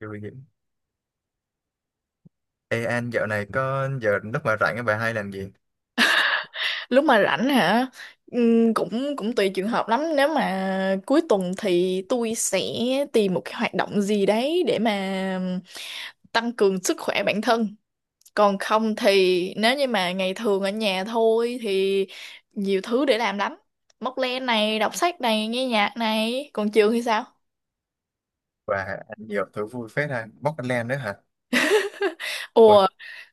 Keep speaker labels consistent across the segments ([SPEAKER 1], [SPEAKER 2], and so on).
[SPEAKER 1] Vui vậy. Ê anh dạo này có giờ lúc mà rảnh bà hay làm gì?
[SPEAKER 2] Lúc mà rảnh hả? Cũng cũng tùy trường hợp lắm, nếu mà cuối tuần thì tôi sẽ tìm một cái hoạt động gì đấy để mà tăng cường sức khỏe bản thân. Còn không thì nếu như mà ngày thường ở nhà thôi thì nhiều thứ để làm lắm, móc len này, đọc sách này, nghe nhạc này. Còn trường thì sao?
[SPEAKER 1] Và anh nhiều thứ vui phết ha. Bóc anh lem nữa hả? Ôi,
[SPEAKER 2] Ồ,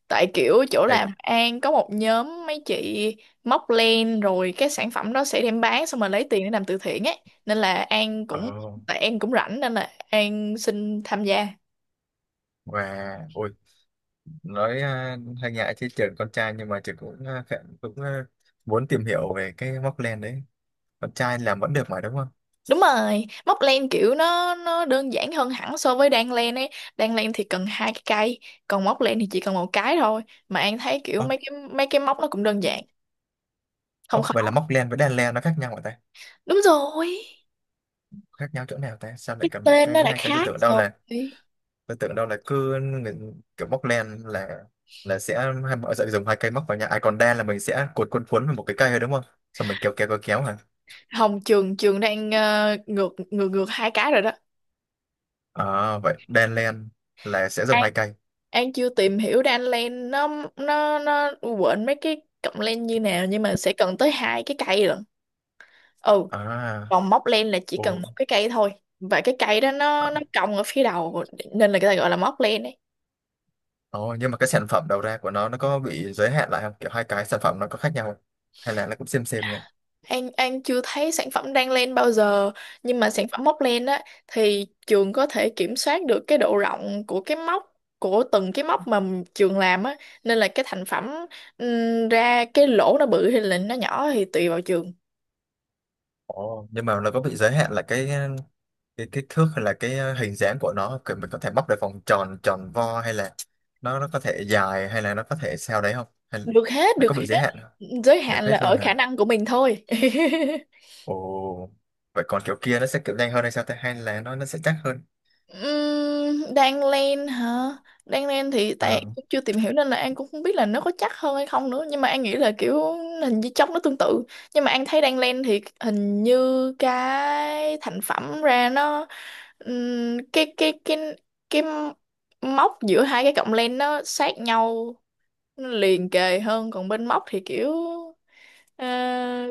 [SPEAKER 2] tại kiểu chỗ
[SPEAKER 1] ê,
[SPEAKER 2] làm An có một nhóm mấy chị móc len, rồi cái sản phẩm đó sẽ đem bán xong rồi lấy tiền để làm từ thiện ấy, nên là An
[SPEAKER 1] ồ,
[SPEAKER 2] cũng, tại An cũng rảnh nên là An xin tham gia.
[SPEAKER 1] và ôi, nói à, hay ngại chứ trường con trai nhưng mà trường cũng à, khá- cũng à, muốn tìm hiểu về cái móc len đấy. Con trai làm vẫn được mà đúng không?
[SPEAKER 2] Đúng rồi, móc len kiểu nó đơn giản hơn hẳn so với đan len ấy. Đan len thì cần hai cái cây, còn móc len thì chỉ cần một cái thôi. Mà An thấy kiểu
[SPEAKER 1] Ồ,
[SPEAKER 2] mấy cái móc nó cũng đơn giản, không
[SPEAKER 1] ồ,
[SPEAKER 2] khó.
[SPEAKER 1] vậy là móc len với đan len nó khác nhau hả ta?
[SPEAKER 2] Đúng rồi,
[SPEAKER 1] Khác nhau chỗ nào ta? Sao lại
[SPEAKER 2] cái
[SPEAKER 1] cần một
[SPEAKER 2] tên
[SPEAKER 1] cây
[SPEAKER 2] nó
[SPEAKER 1] với
[SPEAKER 2] đã
[SPEAKER 1] hai cây?
[SPEAKER 2] khác rồi.
[SPEAKER 1] Tôi tưởng đâu là cứ người- kiểu móc len là sẽ hai mọi sẽ dùng hai cây móc vào nhau ai còn đen là mình sẽ cuốn cuốn cuốn vào một cái cây thôi đúng không xong mình kéo kéo kéo kéo hả
[SPEAKER 2] Hồng, trường trường đang, ngược ngược ngược hai cái rồi đó.
[SPEAKER 1] à vậy đen len là sẽ dùng
[SPEAKER 2] An
[SPEAKER 1] hai cây.
[SPEAKER 2] An chưa tìm hiểu ra anh Len, nó nó quên mấy cái cọng len như nào, nhưng mà sẽ cần tới hai cái cây lận. Ừ,
[SPEAKER 1] À,
[SPEAKER 2] còn móc len là chỉ cần
[SPEAKER 1] ồ,
[SPEAKER 2] một cái cây thôi, và cái cây đó nó
[SPEAKER 1] ờ,
[SPEAKER 2] nó cong ở phía đầu, nên là người ta gọi là móc len ấy.
[SPEAKER 1] ồ, nhưng mà cái sản phẩm đầu ra của nó có bị giới hạn lại không kiểu hai cái sản phẩm nó có khác nhau không? Hay là nó cũng xem nhỉ?
[SPEAKER 2] An chưa thấy sản phẩm đan len bao giờ, nhưng mà sản phẩm móc len á thì trường có thể kiểm soát được cái độ rộng của cái móc, của từng cái móc mà trường làm á, nên là cái thành phẩm, ra cái lỗ nó bự hay là nó nhỏ thì tùy vào trường.
[SPEAKER 1] Ồ. Nhưng mà nó có bị giới hạn là cái kích thước hay là cái hình dáng của nó kiểu mình có thể bóc được vòng tròn tròn vo hay là nó có thể dài hay là nó có thể sao đấy không hay
[SPEAKER 2] Được hết,
[SPEAKER 1] nó có
[SPEAKER 2] được
[SPEAKER 1] bị
[SPEAKER 2] hết.
[SPEAKER 1] giới hạn không?
[SPEAKER 2] Giới
[SPEAKER 1] Được
[SPEAKER 2] hạn là
[SPEAKER 1] hết luôn
[SPEAKER 2] ở
[SPEAKER 1] hả?
[SPEAKER 2] khả năng của mình thôi.
[SPEAKER 1] Ồ, vậy còn kiểu kia nó sẽ kiểu nhanh hơn hay sao ta hay là nó sẽ chắc hơn?
[SPEAKER 2] Đang lên hả? Đang lên thì tại An
[SPEAKER 1] Ờ,
[SPEAKER 2] cũng chưa tìm hiểu nên là An cũng không biết là nó có chắc hơn hay không nữa, nhưng mà An nghĩ là kiểu hình như chốc nó tương tự. Nhưng mà An thấy đang lên thì hình như cái thành phẩm ra nó, ừm, cái cái cái cái móc giữa hai cái cọng len nó sát nhau, nó liền kề hơn, còn bên móc thì kiểu, ờ,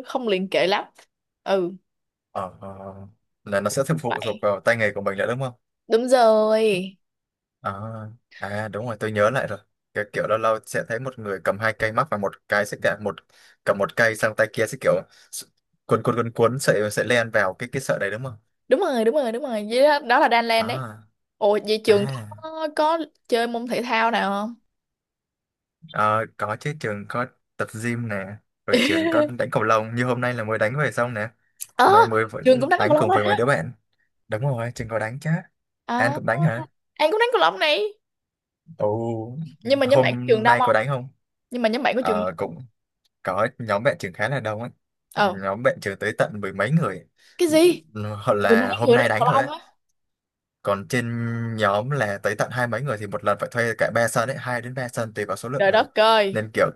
[SPEAKER 2] không liền kề lắm. Ừ.
[SPEAKER 1] ờ, ờ. Là nó sẽ phụ thuộc vào tay nghề của mình nữa đúng không?
[SPEAKER 2] Đúng rồi,
[SPEAKER 1] À, à đúng rồi tôi nhớ lại rồi cái kiểu lâu lâu sẽ thấy một người cầm hai cây mắc và một cái sẽ cả một cầm một cây sang tay kia sẽ kiểu s- cuốn cuốn cuốn cuốn sợi sợi len vào cái sợi đấy đúng không?
[SPEAKER 2] đúng rồi, đúng rồi, đúng rồi vậy đó, đó là Đan Lan đấy.
[SPEAKER 1] À,
[SPEAKER 2] Ồ, vậy trường
[SPEAKER 1] à,
[SPEAKER 2] có chơi môn thể thao nào không?
[SPEAKER 1] ờ, có chứ trường có tập gym nè rồi trường có đánh cầu lông như hôm nay là mới đánh về xong nè,
[SPEAKER 2] ờ
[SPEAKER 1] nay mới
[SPEAKER 2] Trường cũng
[SPEAKER 1] vẫn
[SPEAKER 2] đánh cầu
[SPEAKER 1] đánh
[SPEAKER 2] lông
[SPEAKER 1] cùng
[SPEAKER 2] rồi
[SPEAKER 1] với
[SPEAKER 2] đó.
[SPEAKER 1] mấy đứa bạn. Đúng rồi trường có đánh chứ. An
[SPEAKER 2] À,
[SPEAKER 1] cũng đánh hả?
[SPEAKER 2] An cũng đánh cầu lông này.
[SPEAKER 1] Ồ,
[SPEAKER 2] Nhưng mà nhóm
[SPEAKER 1] hôm
[SPEAKER 2] bạn có trường đông
[SPEAKER 1] nay có
[SPEAKER 2] không?
[SPEAKER 1] đánh không?
[SPEAKER 2] Nhưng mà nhóm bạn có trường
[SPEAKER 1] Ờ
[SPEAKER 2] đông.
[SPEAKER 1] cũng có, nhóm bạn trường khá là đông ấy,
[SPEAKER 2] ờ
[SPEAKER 1] nhóm bạn trường tới tận mười mấy người,
[SPEAKER 2] cái gì?
[SPEAKER 1] hoặc
[SPEAKER 2] Mười mấy
[SPEAKER 1] là hôm
[SPEAKER 2] người
[SPEAKER 1] nay
[SPEAKER 2] đánh
[SPEAKER 1] đánh
[SPEAKER 2] cầu
[SPEAKER 1] thôi
[SPEAKER 2] lông
[SPEAKER 1] ấy.
[SPEAKER 2] á?
[SPEAKER 1] Còn trên nhóm là tới tận hai mấy người thì một lần phải thuê cả ba sân ấy, hai đến ba sân tùy vào số lượng
[SPEAKER 2] Trời
[SPEAKER 1] người,
[SPEAKER 2] đất ơi.
[SPEAKER 1] nên kiểu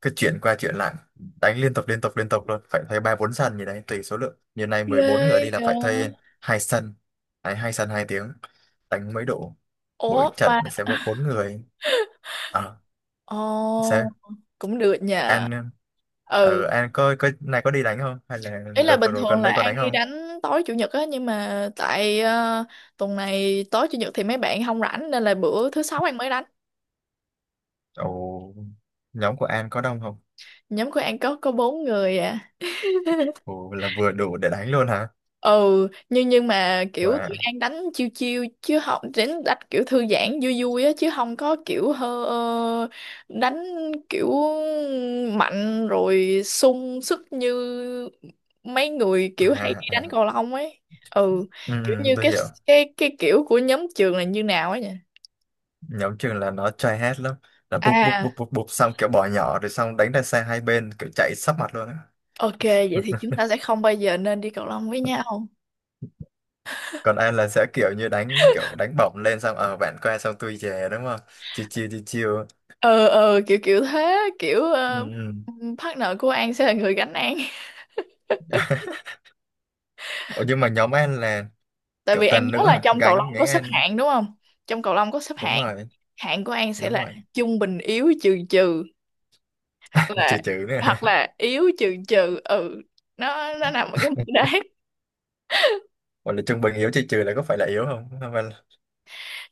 [SPEAKER 1] cứ chuyển qua chuyển lại đánh liên tục liên tục liên tục luôn, phải thuê ba bốn sân gì đấy tùy số lượng, như này 14 người đi
[SPEAKER 2] Ghê.
[SPEAKER 1] là
[SPEAKER 2] À.
[SPEAKER 1] phải thuê hai sân. Đấy, hai sân 2 tiếng đánh mới đủ, mỗi
[SPEAKER 2] Ủa
[SPEAKER 1] trận
[SPEAKER 2] mà.
[SPEAKER 1] sẽ có bốn người. À,
[SPEAKER 2] Ồ,
[SPEAKER 1] sao
[SPEAKER 2] cũng được nhờ.
[SPEAKER 1] An
[SPEAKER 2] Ừ.
[SPEAKER 1] ở An có này có đi đánh không hay là
[SPEAKER 2] Ý là
[SPEAKER 1] đợt vừa
[SPEAKER 2] bình
[SPEAKER 1] rồi
[SPEAKER 2] thường
[SPEAKER 1] gần
[SPEAKER 2] là
[SPEAKER 1] đây có
[SPEAKER 2] An
[SPEAKER 1] đánh
[SPEAKER 2] đi
[SPEAKER 1] không?
[SPEAKER 2] đánh tối chủ nhật á, nhưng mà tại, tuần này tối chủ nhật thì mấy bạn không rảnh nên là bữa thứ sáu An mới đánh.
[SPEAKER 1] Ồ nhóm của An có đông không?
[SPEAKER 2] Nhóm của An có bốn người à.
[SPEAKER 1] Ồ là vừa đủ để đánh luôn hả?
[SPEAKER 2] Ừ, nhưng mà kiểu
[SPEAKER 1] Và
[SPEAKER 2] tụi An đánh chiêu chiêu, chứ không đánh đánh kiểu thư giãn vui vui á, chứ không có kiểu đánh kiểu mạnh rồi sung sức như mấy người kiểu hay
[SPEAKER 1] à,
[SPEAKER 2] đi đánh
[SPEAKER 1] à.
[SPEAKER 2] cầu lông ấy. Ừ,
[SPEAKER 1] Ừ,
[SPEAKER 2] kiểu
[SPEAKER 1] ừ,
[SPEAKER 2] như
[SPEAKER 1] tôi
[SPEAKER 2] cái
[SPEAKER 1] hiểu.
[SPEAKER 2] cái cái kiểu của nhóm trường là như nào ấy nhỉ?
[SPEAKER 1] Nhóm trường là nó chơi hết lắm, là bụp bụp
[SPEAKER 2] À,
[SPEAKER 1] bụp bụp bụp xong kiểu bỏ nhỏ rồi xong đánh ra xe hai bên kiểu chạy sấp mặt luôn á.
[SPEAKER 2] ok, vậy thì chúng ta sẽ không bao giờ nên đi cầu lông với nhau.
[SPEAKER 1] Còn An là sẽ kiểu như đánh kiểu đánh bổng lên xong ở bạn qua xong tôi về đúng không, chiêu chiêu chiêu chiêu.
[SPEAKER 2] Ờ, ờ, kiểu kiểu thế, kiểu,
[SPEAKER 1] Ừ. Ừ.
[SPEAKER 2] partner của An sẽ là người gánh An.
[SPEAKER 1] Ủa nhưng mà nhóm An là
[SPEAKER 2] Tại
[SPEAKER 1] kiểu
[SPEAKER 2] vì An
[SPEAKER 1] toàn
[SPEAKER 2] nhớ
[SPEAKER 1] nữ
[SPEAKER 2] là
[SPEAKER 1] hả?
[SPEAKER 2] trong cầu
[SPEAKER 1] Gánh,
[SPEAKER 2] lông
[SPEAKER 1] gánh
[SPEAKER 2] có xếp
[SPEAKER 1] An.
[SPEAKER 2] hạng đúng không? Trong cầu lông có xếp
[SPEAKER 1] Đúng
[SPEAKER 2] hạng,
[SPEAKER 1] rồi,
[SPEAKER 2] hạng của An sẽ
[SPEAKER 1] đúng
[SPEAKER 2] là
[SPEAKER 1] rồi.
[SPEAKER 2] trung bình yếu trừ trừ, hoặc
[SPEAKER 1] Trừ
[SPEAKER 2] là
[SPEAKER 1] trừ nữa
[SPEAKER 2] hoặc là yếu trừ trừ, ừ, nó nằm ở cái mức đấy.
[SPEAKER 1] gọi là trung bình yếu trừ trừ là có phải là yếu không? Không phải là-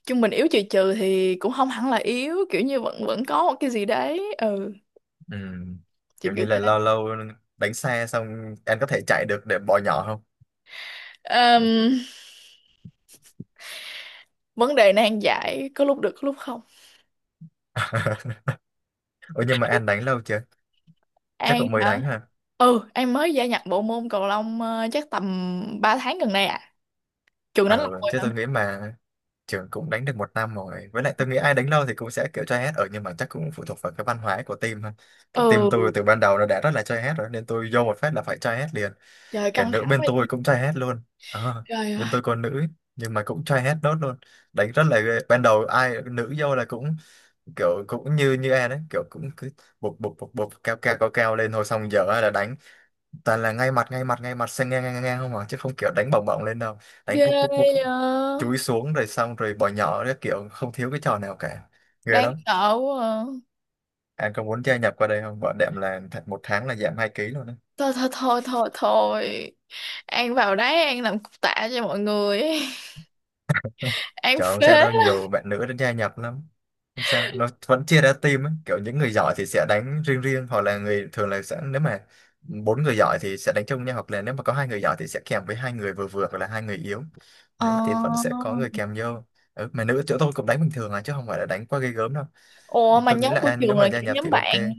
[SPEAKER 2] Trung bình yếu trừ trừ thì cũng không hẳn là yếu, kiểu như vẫn vẫn có một cái gì đấy, ừ,
[SPEAKER 1] ừ.
[SPEAKER 2] kiểu
[SPEAKER 1] Kiểu
[SPEAKER 2] kiểu
[SPEAKER 1] như là lâu lâu đánh xe xong anh có thể chạy được để bỏ nhỏ không?
[SPEAKER 2] thế. Vấn đề nan giải, có lúc được có lúc không.
[SPEAKER 1] Ủa nhưng mà anh đánh lâu chưa? Chắc
[SPEAKER 2] An
[SPEAKER 1] cũng mới
[SPEAKER 2] hả?
[SPEAKER 1] đánh hả?
[SPEAKER 2] Ừ, An mới gia nhập bộ môn cầu lông, chắc tầm 3 tháng gần đây à. Trường đánh lâu
[SPEAKER 1] Ờ
[SPEAKER 2] rồi
[SPEAKER 1] chứ
[SPEAKER 2] hả?
[SPEAKER 1] tôi nghĩ mà trường cũng đánh được 1 năm rồi, với lại tôi nghĩ ai đánh lâu thì cũng sẽ kiểu try hết ở, nhưng mà chắc cũng phụ thuộc vào cái văn hóa của team thôi. Kiểu team
[SPEAKER 2] Ừ,
[SPEAKER 1] tôi từ ban đầu nó đã rất là try hết rồi nên tôi vô một phát là phải try hết liền.
[SPEAKER 2] trời
[SPEAKER 1] Cả
[SPEAKER 2] căng
[SPEAKER 1] nữ
[SPEAKER 2] thẳng
[SPEAKER 1] bên
[SPEAKER 2] quá
[SPEAKER 1] tôi
[SPEAKER 2] vậy.
[SPEAKER 1] cũng try hết luôn. Ờ,
[SPEAKER 2] Trời
[SPEAKER 1] bên
[SPEAKER 2] ơi,
[SPEAKER 1] tôi còn nữ ấy, nhưng mà cũng try hết nốt luôn, đánh rất là ghê. Ban đầu ai nữ vô là cũng kiểu cũng như như em đấy kiểu cũng cứ bục bục bục bục cao cao cao cao lên thôi, xong giờ là đánh toàn là ngay mặt ngay mặt ngay mặt sang ngang ngang ngang không à, chứ không kiểu đánh bổng bổng lên đâu, đánh
[SPEAKER 2] ghê.
[SPEAKER 1] bục bục bục
[SPEAKER 2] ờ,
[SPEAKER 1] chúi xuống rồi xong rồi bỏ nhỏ đấy kiểu không thiếu cái trò nào cả, ghê
[SPEAKER 2] Đáng
[SPEAKER 1] lắm.
[SPEAKER 2] sợ quá à.
[SPEAKER 1] Anh có muốn gia nhập qua đây không? Bọn đệm là th- một tháng là giảm 2 ký luôn.
[SPEAKER 2] Thôi thôi thôi thôi thôi, An vào đấy An làm cục tạ cho mọi người. An
[SPEAKER 1] Trời không
[SPEAKER 2] phế
[SPEAKER 1] sao đâu,
[SPEAKER 2] lắm.
[SPEAKER 1] nhiều bạn nữ đã gia nhập lắm. Không sao, nó vẫn chia ra team ấy. Kiểu những người giỏi thì sẽ đánh riêng riêng, hoặc là người thường là sẽ, nếu mà bốn người giỏi thì sẽ đánh chung nhau, hoặc là nếu mà có hai người giỏi thì sẽ kèm với hai người vừa vừa, hoặc là hai người yếu.
[SPEAKER 2] ờ
[SPEAKER 1] Đấy, thì vẫn sẽ có người kèm vô. Ừ, mà nữ chỗ tôi cũng đánh bình thường à, chứ không phải là đánh quá ghê gớm đâu.
[SPEAKER 2] Ủa mà
[SPEAKER 1] Tôi nghĩ
[SPEAKER 2] nhóm
[SPEAKER 1] là
[SPEAKER 2] của
[SPEAKER 1] anh nếu
[SPEAKER 2] trường
[SPEAKER 1] mà
[SPEAKER 2] là
[SPEAKER 1] gia
[SPEAKER 2] kiểu
[SPEAKER 1] nhập thì
[SPEAKER 2] nhóm bạn,
[SPEAKER 1] ok.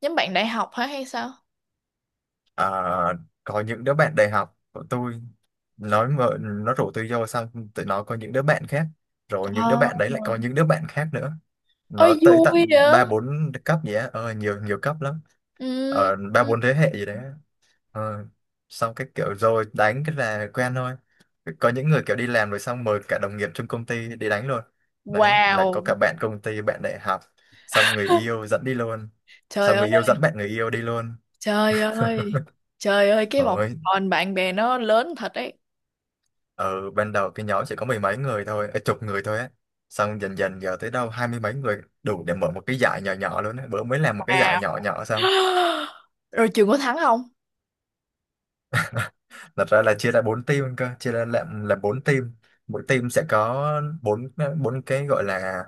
[SPEAKER 2] nhóm bạn đại học hả hay sao?
[SPEAKER 1] À, có những đứa bạn đại học của tôi, nói mà, nó rủ tôi vô xong, tụi nó có những đứa bạn khác. Rồi những đứa
[SPEAKER 2] ờ
[SPEAKER 1] bạn đấy lại có những đứa bạn khác nữa, nó
[SPEAKER 2] Ơi
[SPEAKER 1] tới
[SPEAKER 2] vui
[SPEAKER 1] tận
[SPEAKER 2] vậy.
[SPEAKER 1] ba bốn cấp gì á, nhiều nhiều cấp lắm,
[SPEAKER 2] Ừ.
[SPEAKER 1] ờ ba
[SPEAKER 2] Ừ.
[SPEAKER 1] bốn thế hệ gì đấy á. Ờ, xong cái kiểu rồi đánh cái là quen thôi, có những người kiểu đi làm rồi xong mời cả đồng nghiệp trong công ty đi đánh luôn. Đấy là có
[SPEAKER 2] Wow.
[SPEAKER 1] cả bạn công ty bạn đại học, xong người yêu dẫn đi luôn,
[SPEAKER 2] Trời
[SPEAKER 1] xong người
[SPEAKER 2] ơi,
[SPEAKER 1] yêu dẫn bạn người yêu đi luôn.
[SPEAKER 2] trời ơi. Trời ơi, cái vòng
[SPEAKER 1] Rồi
[SPEAKER 2] tròn bạn bè nó lớn thật đấy.
[SPEAKER 1] ở ban đầu cái nhóm chỉ có mười mấy người thôi, chục người thôi á, xong dần dần giờ tới đâu hai mươi mấy người đủ để mở một cái giải nhỏ nhỏ luôn á, bữa mới làm một cái giải nhỏ
[SPEAKER 2] Wow.
[SPEAKER 1] nhỏ xong.
[SPEAKER 2] Rồi trường có thắng không?
[SPEAKER 1] Thật ra là chia ra bốn team cơ, chia ra làm là bốn team, mỗi team sẽ có bốn bốn cái gọi là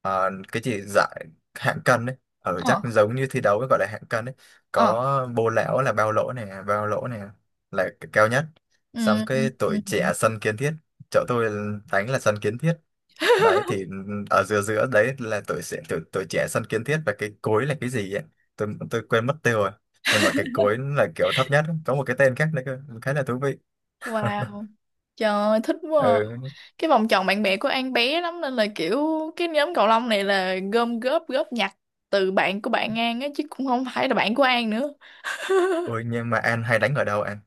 [SPEAKER 1] cái gì giải hạng cân đấy, ở chắc
[SPEAKER 2] Ờ,
[SPEAKER 1] giống như thi đấu gọi là hạng cân đấy.
[SPEAKER 2] ờ.
[SPEAKER 1] Có bô lão là bao lỗ này bao lỗ này, là cái cao nhất.
[SPEAKER 2] Ừ.
[SPEAKER 1] Xong
[SPEAKER 2] Ừ,
[SPEAKER 1] cái
[SPEAKER 2] ừ.
[SPEAKER 1] tuổi
[SPEAKER 2] Ừ.
[SPEAKER 1] trẻ sân kiến thiết, chỗ tôi đánh là sân kiến thiết. Đấy thì ở giữa giữa đấy là tuổi trẻ tuổi, tuổi trẻ sân kiến thiết và cái cối là cái gì ấy, tôi quên mất tiêu rồi, nhưng mà cái cối là kiểu thấp nhất, có một cái tên khác nữa cơ, khá là thú vị.
[SPEAKER 2] Wow. Trời ơi, thích quá. À.
[SPEAKER 1] Ừ.
[SPEAKER 2] Cái vòng tròn bạn bè của An bé lắm nên là kiểu cái nhóm cầu lông này là gom góp góp nhặt từ bạn của bạn An á, chứ cũng không phải là bạn của An nữa.
[SPEAKER 1] Ôi nhưng mà An hay đánh ở đâu An?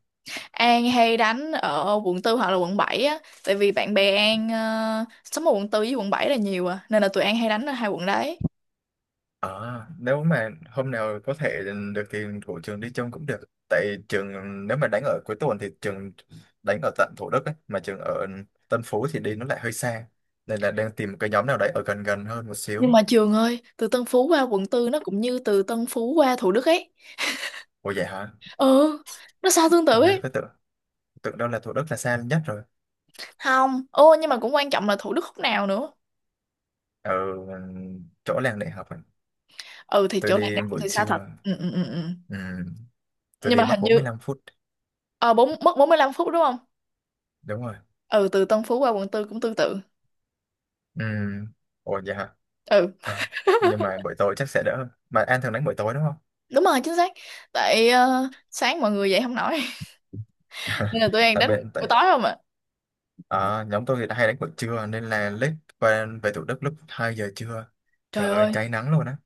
[SPEAKER 2] An hay đánh ở quận tư hoặc là quận 7 á, tại vì bạn bè An, sống ở quận tư với quận 7 là nhiều à, nên là tụi An hay đánh ở hai quận đấy.
[SPEAKER 1] Ờ nếu mà hôm nào có thể được thì của trường đi chung cũng được, tại trường nếu mà đánh ở cuối tuần thì trường đánh ở tận Thủ Đức ấy, mà trường ở Tân Phú thì đi nó lại hơi xa, nên là đang tìm cái nhóm nào đấy ở gần gần hơn một xíu.
[SPEAKER 2] Nhưng mà trường ơi, từ Tân Phú qua quận tư nó cũng như từ Tân Phú qua Thủ Đức ấy.
[SPEAKER 1] Ủa vậy hả?
[SPEAKER 2] Ừ, nó sao tương tự
[SPEAKER 1] Nhá
[SPEAKER 2] ấy.
[SPEAKER 1] tôi tưởng, tưởng đâu là Thủ Đức là xa nhất rồi.
[SPEAKER 2] Không ô, nhưng mà cũng quan trọng là Thủ Đức khúc nào nữa.
[SPEAKER 1] Ở chỗ làng đại học ấy.
[SPEAKER 2] Ừ, thì
[SPEAKER 1] Tôi
[SPEAKER 2] chỗ này
[SPEAKER 1] đi buổi
[SPEAKER 2] thì xa thật.
[SPEAKER 1] trưa,
[SPEAKER 2] Ừ, ừ, ừ. Ừ.
[SPEAKER 1] ừ, tôi
[SPEAKER 2] Nhưng
[SPEAKER 1] đi
[SPEAKER 2] mà hình
[SPEAKER 1] mất bốn mươi
[SPEAKER 2] như,
[SPEAKER 1] lăm phút
[SPEAKER 2] ờ bốn mất 45 phút đúng không?
[SPEAKER 1] Đúng rồi.
[SPEAKER 2] Ừ, từ Tân Phú qua quận tư cũng tương tự.
[SPEAKER 1] Ừ. Ủa vậy hả?
[SPEAKER 2] Ừ,
[SPEAKER 1] Ờ, nhưng mà buổi tối chắc sẽ đỡ hơn. Mà An thường đánh buổi tối đúng không?
[SPEAKER 2] đúng rồi, chính xác. Tại, sáng mọi người dậy không nổi. Nên là tụi An
[SPEAKER 1] Tại
[SPEAKER 2] đánh
[SPEAKER 1] bên tại
[SPEAKER 2] buổi tối không ạ.
[SPEAKER 1] ờ, nhóm tôi thì đã hay đánh buổi trưa nên là lết qua về Thủ Đức lúc 2 giờ trưa,
[SPEAKER 2] Trời
[SPEAKER 1] trời ơi
[SPEAKER 2] ơi,
[SPEAKER 1] cháy nắng luôn á,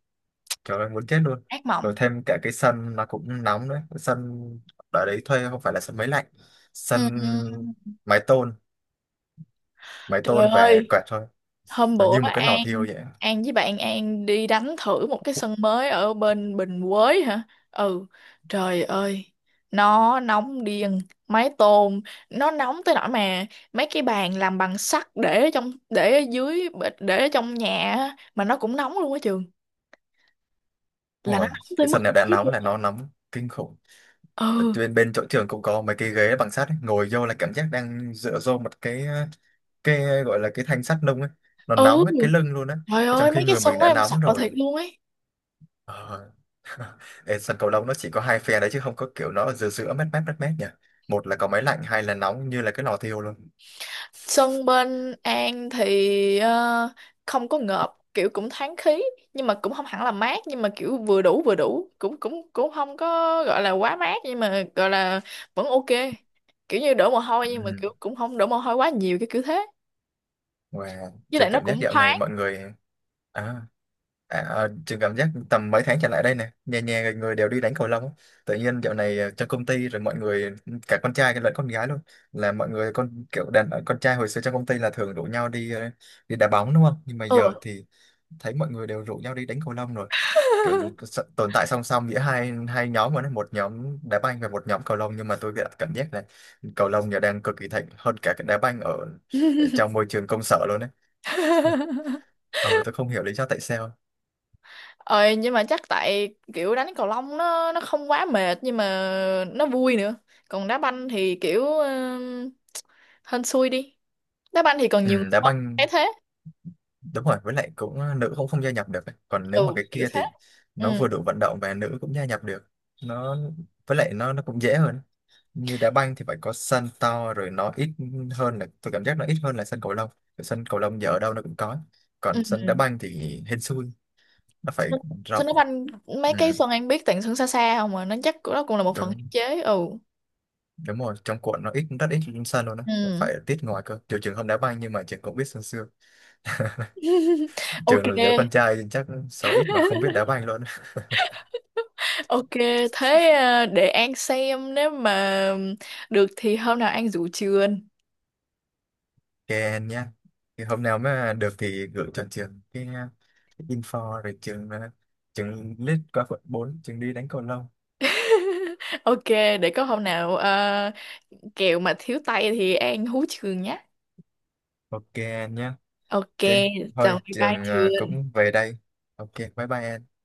[SPEAKER 1] trời ơi muốn chết luôn.
[SPEAKER 2] ác
[SPEAKER 1] Rồi
[SPEAKER 2] mộng.
[SPEAKER 1] thêm cả cái sân nó cũng nóng đấy. Cái sân ở đấy thuê không phải là sân máy lạnh,
[SPEAKER 2] Ừ.
[SPEAKER 1] sân mái tôn, mái
[SPEAKER 2] Trời
[SPEAKER 1] tôn và
[SPEAKER 2] ơi,
[SPEAKER 1] quẹt thôi,
[SPEAKER 2] hôm
[SPEAKER 1] nó
[SPEAKER 2] bữa
[SPEAKER 1] như một cái lò
[SPEAKER 2] An
[SPEAKER 1] thiêu vậy.
[SPEAKER 2] An với bạn An đi đánh thử một cái sân mới ở bên Bình Quới hả? Ừ, trời ơi, nó nóng điên, mái tôn nó nóng tới nỗi mà mấy cái bàn làm bằng sắt để ở trong, để ở dưới, để ở trong nhà á, mà nó cũng nóng luôn á trường. Là nó
[SPEAKER 1] Ôi,
[SPEAKER 2] nóng tới
[SPEAKER 1] cái
[SPEAKER 2] mức
[SPEAKER 1] sân này đã
[SPEAKER 2] đấy
[SPEAKER 1] nóng
[SPEAKER 2] luôn.
[SPEAKER 1] là nó nóng kinh khủng.
[SPEAKER 2] Ừ,
[SPEAKER 1] Bên bên chỗ trường cũng có mấy cái ghế bằng sắt ấy, ngồi vô là cảm giác đang dựa vô một cái gọi là cái thanh sắt nung ấy, nó
[SPEAKER 2] ừ,
[SPEAKER 1] nóng hết cái lưng luôn á.
[SPEAKER 2] trời
[SPEAKER 1] Và trong
[SPEAKER 2] ơi,
[SPEAKER 1] khi
[SPEAKER 2] mấy cái
[SPEAKER 1] người
[SPEAKER 2] sân
[SPEAKER 1] mình
[SPEAKER 2] đó
[SPEAKER 1] đã
[SPEAKER 2] em sợ
[SPEAKER 1] nóng
[SPEAKER 2] thiệt
[SPEAKER 1] rồi,
[SPEAKER 2] luôn ấy.
[SPEAKER 1] ờ. Ê, sân cầu lông nó chỉ có hai phe đấy chứ không có kiểu nó ở giữa giữa mát mát mát mát nhỉ, một là có máy lạnh hai là nóng như là cái lò thiêu luôn.
[SPEAKER 2] Sân bên An thì, không có ngợp, kiểu cũng thoáng khí, nhưng mà cũng không hẳn là mát, nhưng mà kiểu vừa đủ, vừa đủ, cũng cũng cũng không có gọi là quá mát, nhưng mà gọi là vẫn ok, kiểu như đổ mồ hôi nhưng mà
[SPEAKER 1] Ừ.
[SPEAKER 2] kiểu cũng không đổ mồ hôi quá nhiều, cái kiểu thế,
[SPEAKER 1] Wow,
[SPEAKER 2] với
[SPEAKER 1] chơi
[SPEAKER 2] lại nó
[SPEAKER 1] cảm giác
[SPEAKER 2] cũng
[SPEAKER 1] dạo này
[SPEAKER 2] thoáng.
[SPEAKER 1] mọi người à, À, à, trường cảm giác tầm mấy tháng trở lại đây nè nhà nhà người đều đi đánh cầu lông á. Tự nhiên dạo này trong công ty rồi mọi người cả con trai lẫn con gái luôn, là mọi người con kiểu đàn ờ, con trai hồi xưa trong công ty là thường rủ nhau đi đi đá bóng đúng không, nhưng mà giờ
[SPEAKER 2] Ừ.
[SPEAKER 1] thì thấy mọi người đều rủ nhau đi đánh cầu lông rồi, kiểu s- tồn tại song song giữa hai hai nhóm mà nó một nhóm đá banh và một nhóm cầu lông, nhưng mà tôi cảm cảm giác là cầu lông giờ đang cực kỳ thịnh hơn cả cái đá banh ở trong môi trường công sở luôn đấy. Ờ tôi không hiểu lý do tại sao.
[SPEAKER 2] ờ nhưng mà chắc tại kiểu đánh cầu lông nó không quá mệt, nhưng mà nó vui nữa. Còn đá banh thì kiểu, hên xui đi. Đá banh thì còn nhiều người
[SPEAKER 1] Ừ, đá
[SPEAKER 2] hơn,
[SPEAKER 1] banh
[SPEAKER 2] thấy thế.
[SPEAKER 1] đúng rồi, với lại cũng nữ cũng không gia nhập được ấy, còn nếu mà
[SPEAKER 2] Ừ,
[SPEAKER 1] cái
[SPEAKER 2] kiểu
[SPEAKER 1] kia
[SPEAKER 2] thế.
[SPEAKER 1] thì
[SPEAKER 2] Ừ.
[SPEAKER 1] nó vừa đủ vận động và nữ cũng gia nhập được. Nó với lại nó cũng dễ hơn, như đá banh thì phải có sân to rồi nó ít hơn là tôi cảm giác nó ít hơn là sân cầu lông. Cái sân cầu lông giờ ở đâu nó cũng có, còn
[SPEAKER 2] Ừ.
[SPEAKER 1] sân đá banh thì hên xui, nó phải
[SPEAKER 2] Xuân
[SPEAKER 1] rộng.
[SPEAKER 2] Xuân Đức Anh, mấy
[SPEAKER 1] Ừ,
[SPEAKER 2] cái Xuân Anh biết tặng Xuân xa xa không mà nó chắc cũng-, đó cũng là một phần hạn
[SPEAKER 1] đúng
[SPEAKER 2] chế. Ừ.
[SPEAKER 1] đúng rồi trong quận nó ít rất ít sân luôn á,
[SPEAKER 2] Ừ.
[SPEAKER 1] phải tiết ngoài cơ, trừ trường không đá banh nhưng mà trường cũng biết sân xưa,
[SPEAKER 2] Ok.
[SPEAKER 1] trường là đứa con trai chắc số ít mà không biết đá banh luôn.
[SPEAKER 2] Ok, thế à, để An xem nếu mà được thì hôm nào An rủ trường.
[SPEAKER 1] Ok anh nhé. Thì hôm nào mà được thì gửi cho trường cái info rồi trường trường list qua quận 4, trường đi đánh cầu lông.
[SPEAKER 2] Ok, để có hôm nào à, kẹo mà thiếu tay thì An hú trường nhé.
[SPEAKER 1] Ok anh nhé.
[SPEAKER 2] Ok.
[SPEAKER 1] Ok.
[SPEAKER 2] Chào,
[SPEAKER 1] Thôi
[SPEAKER 2] bye bye
[SPEAKER 1] trường
[SPEAKER 2] trường.
[SPEAKER 1] cũng về đây. Ok, bye bye anh.